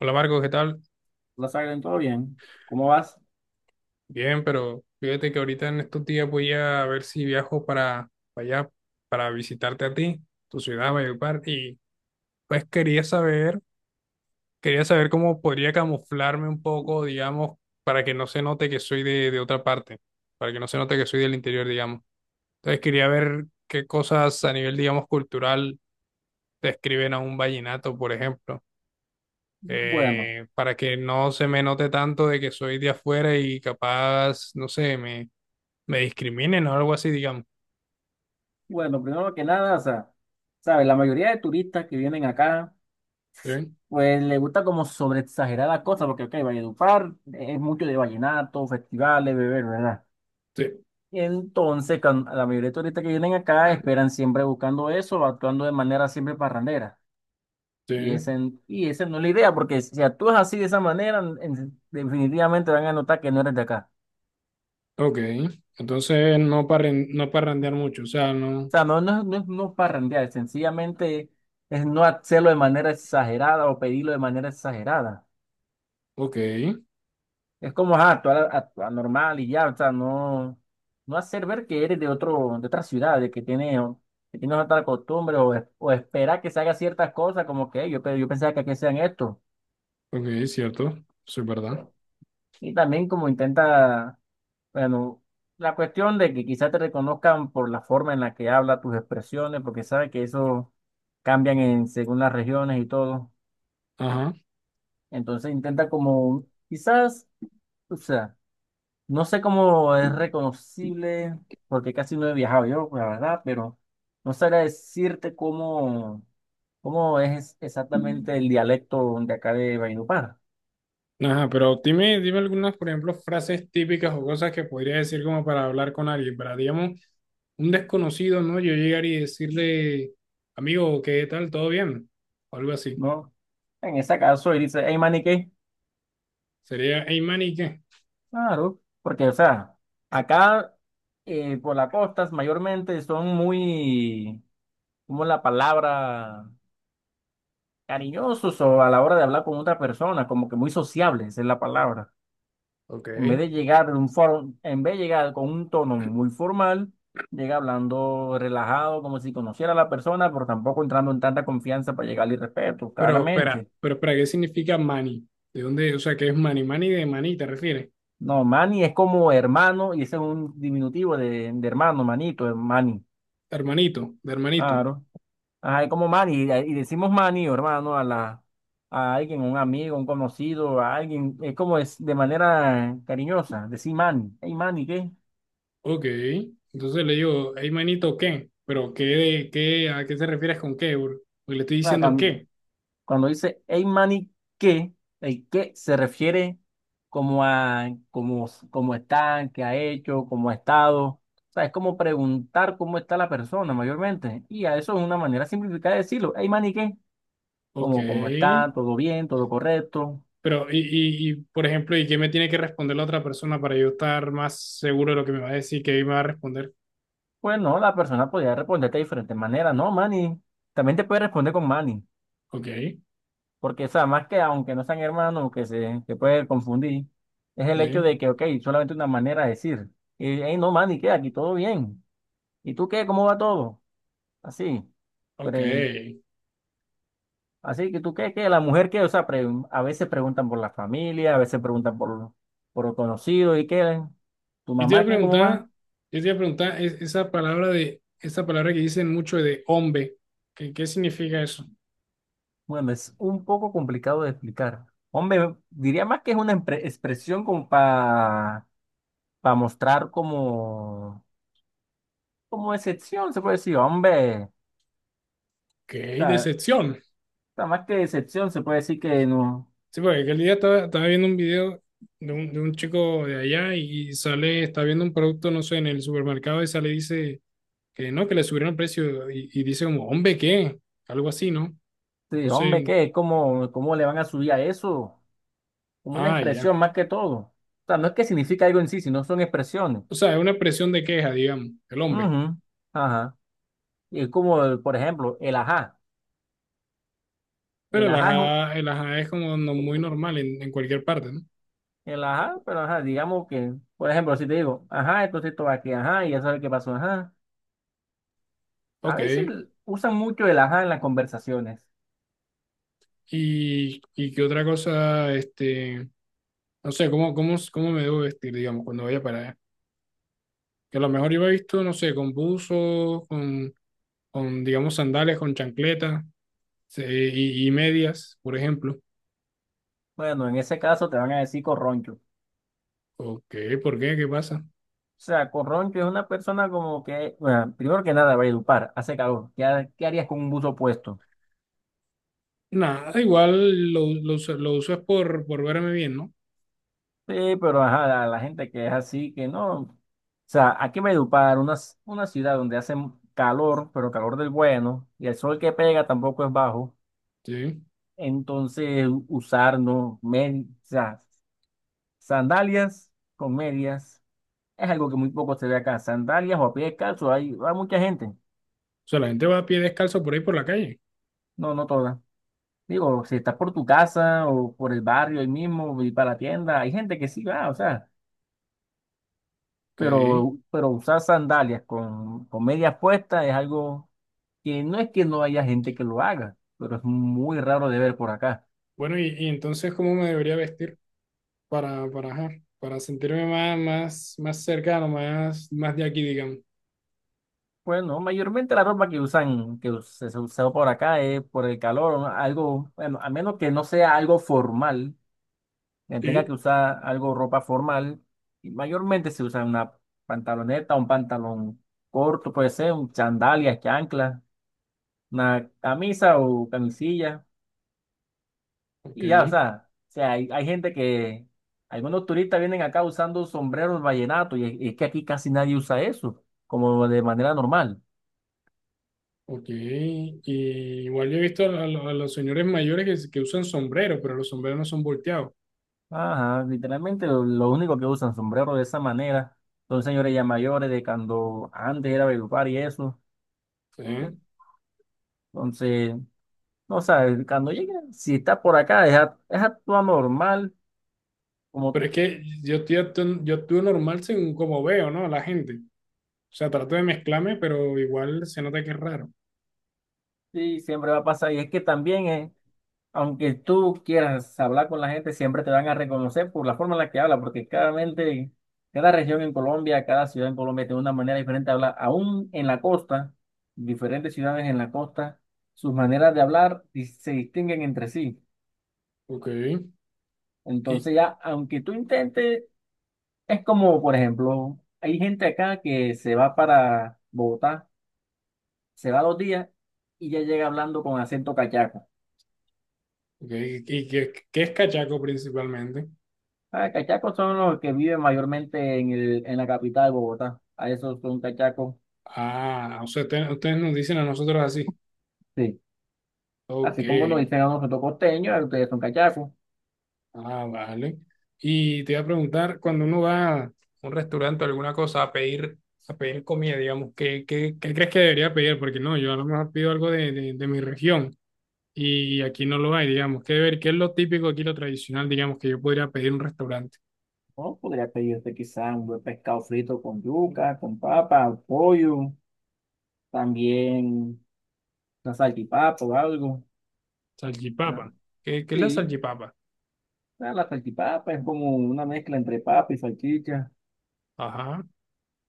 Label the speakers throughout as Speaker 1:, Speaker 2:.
Speaker 1: Hola Marco, ¿qué tal?
Speaker 2: La Sagren, ¿todo bien? ¿Cómo vas?
Speaker 1: Bien, pero fíjate que ahorita en estos días voy a ver si viajo para allá, para visitarte a ti, tu ciudad, Valledupar, y pues quería saber cómo podría camuflarme un poco, digamos, para que no se note que soy de otra parte, para que no se note que soy del interior, digamos. Entonces quería ver qué cosas a nivel, digamos, cultural describen a un vallenato, por ejemplo.
Speaker 2: Bueno,
Speaker 1: eh, para que no se me note tanto de que soy de afuera y capaz, no sé, me discriminen o algo así, digamos.
Speaker 2: bueno, primero que nada, o sea, sabes, la mayoría de turistas que vienen acá,
Speaker 1: Sí,
Speaker 2: pues les gusta como sobre exagerar las cosas, porque, ok, Valledupar es mucho de vallenato, festivales, beber, ¿verdad?
Speaker 1: sí,
Speaker 2: Y entonces, la mayoría de turistas que vienen acá esperan siempre buscando eso, actuando de manera siempre parrandera. Y
Speaker 1: sí.
Speaker 2: esa y esa no es la idea, porque si actúas así de esa manera, definitivamente van a notar que no eres de acá.
Speaker 1: Ok. Entonces, no, no parrandear mucho. O sea, no.
Speaker 2: Sea, no, no, no es no parrandear, sencillamente es no hacerlo de manera exagerada o pedirlo de manera exagerada.
Speaker 1: Ok.
Speaker 2: Es como ajá, actuar, actuar normal y ya, o sea, no, no hacer ver que eres de otro, de otra ciudad, de que tienes otra costumbre o esperar que se haga ciertas cosas como que "Ey, yo, yo pensaba que aquí sean esto".
Speaker 1: Ok, cierto. Eso es verdad.
Speaker 2: Y también como intenta, bueno, la cuestión de que quizás te reconozcan por la forma en la que habla tus expresiones, porque sabe que eso cambian en según las regiones y todo.
Speaker 1: Ajá.
Speaker 2: Entonces intenta como, quizás, o sea, no sé cómo es reconocible, porque casi no he viajado yo, la verdad, pero no sabría decirte cómo, cómo es exactamente el dialecto de acá de Valledupar,
Speaker 1: Ajá, pero dime, dime algunas, por ejemplo, frases típicas o cosas que podría decir como para hablar con alguien. Para, digamos, un desconocido, ¿no? Yo llegar y decirle, amigo, ¿qué tal? ¿Todo bien? O algo así.
Speaker 2: ¿no? En ese caso, él dice, hey, maniquí,
Speaker 1: Sería, hey, man, ¿y qué?
Speaker 2: claro, porque, o sea, acá por las costas mayormente son muy, como la palabra, cariñosos o a la hora de hablar con otra persona, como que muy sociables es la palabra.
Speaker 1: Ok.
Speaker 2: En vez de llegar de un en vez de llegar con un tono muy formal, llega hablando relajado, como si conociera a la persona, pero tampoco entrando en tanta confianza para llegar al respeto, claramente.
Speaker 1: Pero espera, ¿qué significa mani? ¿De dónde? O sea, ¿qué es mani? Mani de mani, ¿te refieres?
Speaker 2: No, Manny es como hermano, y ese es un diminutivo de hermano, manito, es Manny.
Speaker 1: Hermanito, de hermanito.
Speaker 2: Claro. Ajá, es como Manny, y decimos Manny o hermano a la, a alguien, un amigo, un conocido, a alguien, es como es de manera cariñosa, decir Manny, hey Manny, ¿qué?
Speaker 1: Ok. Entonces le digo, hey manito, ¿qué? Pero ¿qué, qué, a qué te refieres con qué, bro? Porque le estoy
Speaker 2: O sea,
Speaker 1: diciendo qué.
Speaker 2: cuando dice hey mani, ¿qué? El qué se refiere como a cómo, cómo está, qué ha hecho, cómo ha estado. O sea, es como preguntar cómo está la persona mayormente. Y a eso es una manera simplificada de decirlo. Hey mani, ¿qué?
Speaker 1: Ok.
Speaker 2: Como cómo está, todo bien, todo correcto.
Speaker 1: Pero, y, por ejemplo, ¿y qué me tiene que responder la otra persona para yo estar más seguro de lo que me va a decir, qué me va a responder?
Speaker 2: Pues no, la persona podría responderte de diferentes maneras. No, mani, también te puede responder con mani.
Speaker 1: Ok.
Speaker 2: Porque, o sea, más que aunque no sean hermanos, que se, que puede confundir, es el hecho
Speaker 1: Sí.
Speaker 2: de que, ok, solamente una manera de decir, y, hey, no, man, ¿y qué? Aquí todo bien. ¿Y tú qué? ¿Cómo va todo? Así.
Speaker 1: Ok.
Speaker 2: Pre- así que tú qué, que la mujer que, o sea, a veces preguntan por la familia, a veces preguntan por los conocidos y qué, ¿tu
Speaker 1: Yo te iba a
Speaker 2: mamá qué? ¿Cómo
Speaker 1: preguntar,
Speaker 2: va?
Speaker 1: yo te iba a preguntar esa palabra de, esa palabra que dicen mucho de hombre, ¿qué, qué significa eso?
Speaker 2: Bueno, es un poco complicado de explicar. Hombre, diría más que es una expresión como para mostrar como... como decepción, se puede decir, hombre. O
Speaker 1: Que hay
Speaker 2: sea,
Speaker 1: decepción.
Speaker 2: está más que decepción, se puede decir que no.
Speaker 1: Sí, porque aquel día estaba, estaba viendo un video de un chico de allá y sale, está viendo un producto, no sé, en el supermercado y sale y dice que no, que le subieron el precio y dice como, hombre, ¿qué? Algo así, ¿no?
Speaker 2: Sí, hombre,
Speaker 1: Entonces,
Speaker 2: ¿qué? ¿Cómo, cómo le van a subir a eso? Como una
Speaker 1: ah, ya.
Speaker 2: expresión más que todo. O sea, no es que significa algo en sí, sino son expresiones.
Speaker 1: O sea, es una expresión de queja, digamos, el hombre.
Speaker 2: Ujú, ajá. Y es como, por ejemplo, el ajá.
Speaker 1: Pero
Speaker 2: El ajá es un-
Speaker 1: el ajá es como muy normal en cualquier parte, ¿no?
Speaker 2: el ajá, pero ajá, digamos que, por ejemplo, si te digo, ajá, entonces esto va aquí, ajá, y ya sabes qué pasó, ajá. A veces
Speaker 1: Ok.
Speaker 2: usan mucho el ajá en las conversaciones.
Speaker 1: Y qué otra cosa, este, no sé, ¿cómo, cómo, cómo me debo vestir, digamos, cuando vaya para allá? Que a lo mejor iba visto, no sé, con buzos, con, digamos, sandales, con chancletas sí, y medias, por ejemplo.
Speaker 2: Bueno, en ese caso te van a decir corroncho.
Speaker 1: ¿O qué? ¿Por qué? ¿Qué pasa?
Speaker 2: O sea, Corroncho es una persona como que, bueno, primero que nada, Valledupar, hace calor. ¿Qué, qué harías con un buzo puesto?
Speaker 1: Nada, igual lo uso es por verme bien, ¿no?
Speaker 2: Sí, pero ajá, la gente que es así, que no. O sea, aquí en Valledupar, una, una ciudad donde hace calor, pero calor del bueno, y el sol que pega tampoco es bajo.
Speaker 1: Sí.
Speaker 2: Entonces, usar, no, o sea, sandalias con medias es algo que muy poco se ve acá. Sandalias o a pie descalzo, hay mucha gente.
Speaker 1: O sea, la gente va a pie descalzo por ahí por la calle.
Speaker 2: No, no todas. Digo, si estás por tu casa o por el barrio ahí mismo y para la tienda, hay gente que sí va, o sea,
Speaker 1: Ok.
Speaker 2: pero usar sandalias con medias puestas es algo que no es que no haya gente que lo haga, pero es muy raro de ver por acá.
Speaker 1: Bueno, y entonces, ¿cómo me debería vestir? Para, ajá, para sentirme más, más, más cercano, más, más de aquí, digamos.
Speaker 2: Bueno, mayormente la ropa que usan, que se usa por acá es por el calor, ¿no? Algo, bueno, a menos que no sea algo formal, que tenga
Speaker 1: Y,
Speaker 2: que usar algo ropa formal, y mayormente se usa una pantaloneta, un pantalón corto, puede ser, un sandalias que ancla una camisa o camisilla
Speaker 1: ok,
Speaker 2: y ya, o sea, hay gente que, algunos turistas vienen acá usando sombreros vallenatos y es que aquí casi nadie usa eso, como de manera normal.
Speaker 1: ok. Y igual yo he visto a, a los señores mayores que, que usan sombrero, pero los sombreros no son volteados.
Speaker 2: Ajá, literalmente lo único que usan sombreros de esa manera son señores ya mayores de cuando antes era Valledupar y eso.
Speaker 1: ¿Sí?
Speaker 2: Entonces, no sabes, cuando llegue, si está por acá, es, es actúa normal, como
Speaker 1: Pero es que yo, yo actúo normal según como veo, ¿no? A la gente. O sea, trato de mezclarme, pero igual se nota que es raro.
Speaker 2: sí, siempre va a pasar. Y es que también es aunque tú quieras hablar con la gente, siempre te van a reconocer por la forma en la que habla, porque claramente cada región en Colombia, cada ciudad en Colombia tiene una manera diferente de hablar. Aún en la costa, diferentes ciudades en la costa, sus maneras de hablar se distinguen entre sí.
Speaker 1: Ok. ¿Y,
Speaker 2: Entonces ya, aunque tú intentes, es como, por ejemplo, hay gente acá que se va para Bogotá, se va dos días y ya llega hablando con acento cachaco.
Speaker 1: ok, y qué, qué es cachaco principalmente?
Speaker 2: Ah, cachacos son los que viven mayormente en el, en la capital de Bogotá. A esos son cachacos.
Speaker 1: Ah, o sea, ustedes nos dicen a nosotros así.
Speaker 2: Sí.
Speaker 1: Ok.
Speaker 2: Así como nos dicen a nosotros costeños, a ustedes son cachacos.
Speaker 1: Ah, vale. Y te iba a preguntar, cuando uno va a un restaurante o alguna cosa a pedir comida, digamos, ¿qué, qué, qué crees que debería pedir? Porque no, yo a lo mejor pido algo de mi región y aquí no lo hay, digamos. ¿Qué ver? ¿Qué es lo típico aquí, lo tradicional, digamos, que yo podría pedir en un restaurante?
Speaker 2: ¿No? Podría pedirte quizás un buen pescado frito con yuca, con papa, pollo, también una salchipapa o algo. O sea,
Speaker 1: Salchipapa. ¿Qué, qué es la
Speaker 2: sí,
Speaker 1: salchipapa?
Speaker 2: o sea, la salchipapa es como una mezcla entre papa y salchicha.
Speaker 1: Ajá.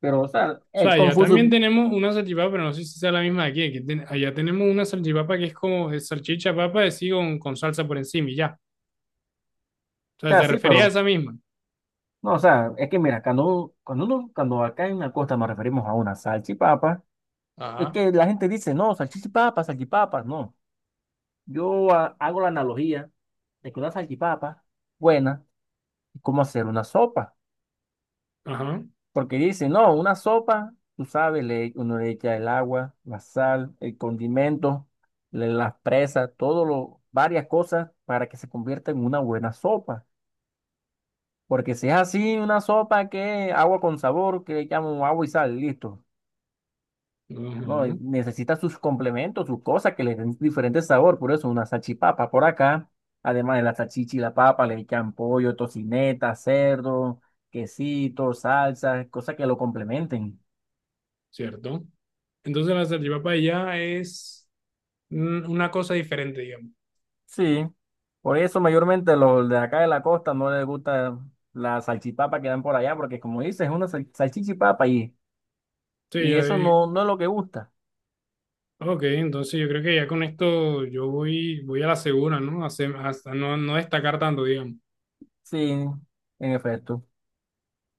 Speaker 2: Pero, o sea,
Speaker 1: O sea,
Speaker 2: es
Speaker 1: allá
Speaker 2: confuso.
Speaker 1: también
Speaker 2: O
Speaker 1: tenemos una salchipapa, pero no sé si sea la misma de aquí. Allá tenemos una salchipapa que es como salchicha papa de sí con salsa por encima y ya. O sea,
Speaker 2: sea,
Speaker 1: te
Speaker 2: sí,
Speaker 1: refería a
Speaker 2: pero.
Speaker 1: esa misma.
Speaker 2: No, o sea, es que mira, cuando, cuando uno, cuando acá en la costa nos referimos a una salchipapa. Es
Speaker 1: Ajá.
Speaker 2: que la gente dice, no, salchichipapas, salchipapas, no. Yo hago la analogía de que una salchipapa buena es como hacer una sopa.
Speaker 1: Ajá,
Speaker 2: Porque dice, no, una sopa, tú sabes, le, uno le echa el agua, la sal, el condimento, las presas, todo lo, varias cosas para que se convierta en una buena sopa. Porque si es así, una sopa que agua con sabor, que le llaman agua y sal, listo. No, y
Speaker 1: ajá,
Speaker 2: necesita sus complementos, sus cosas que le den diferente sabor, por eso una salchipapa por acá, además de la salchicha y la papa, le echan pollo, tocineta, cerdo, quesito, salsa, cosas que lo complementen.
Speaker 1: cierto. Entonces la salchipapa ya es una cosa diferente, digamos.
Speaker 2: Sí, por eso mayormente los de acá de la costa no les gusta la salchipapa que dan por allá, porque como dices, es una salchicha y papa
Speaker 1: Sí,
Speaker 2: y
Speaker 1: ya
Speaker 2: eso
Speaker 1: vi.
Speaker 2: no, no es lo que gusta.
Speaker 1: Ok, entonces yo creo que ya con esto yo voy, voy a la segura, ¿no? A, hasta no, no destacar tanto, digamos.
Speaker 2: Sí, en efecto.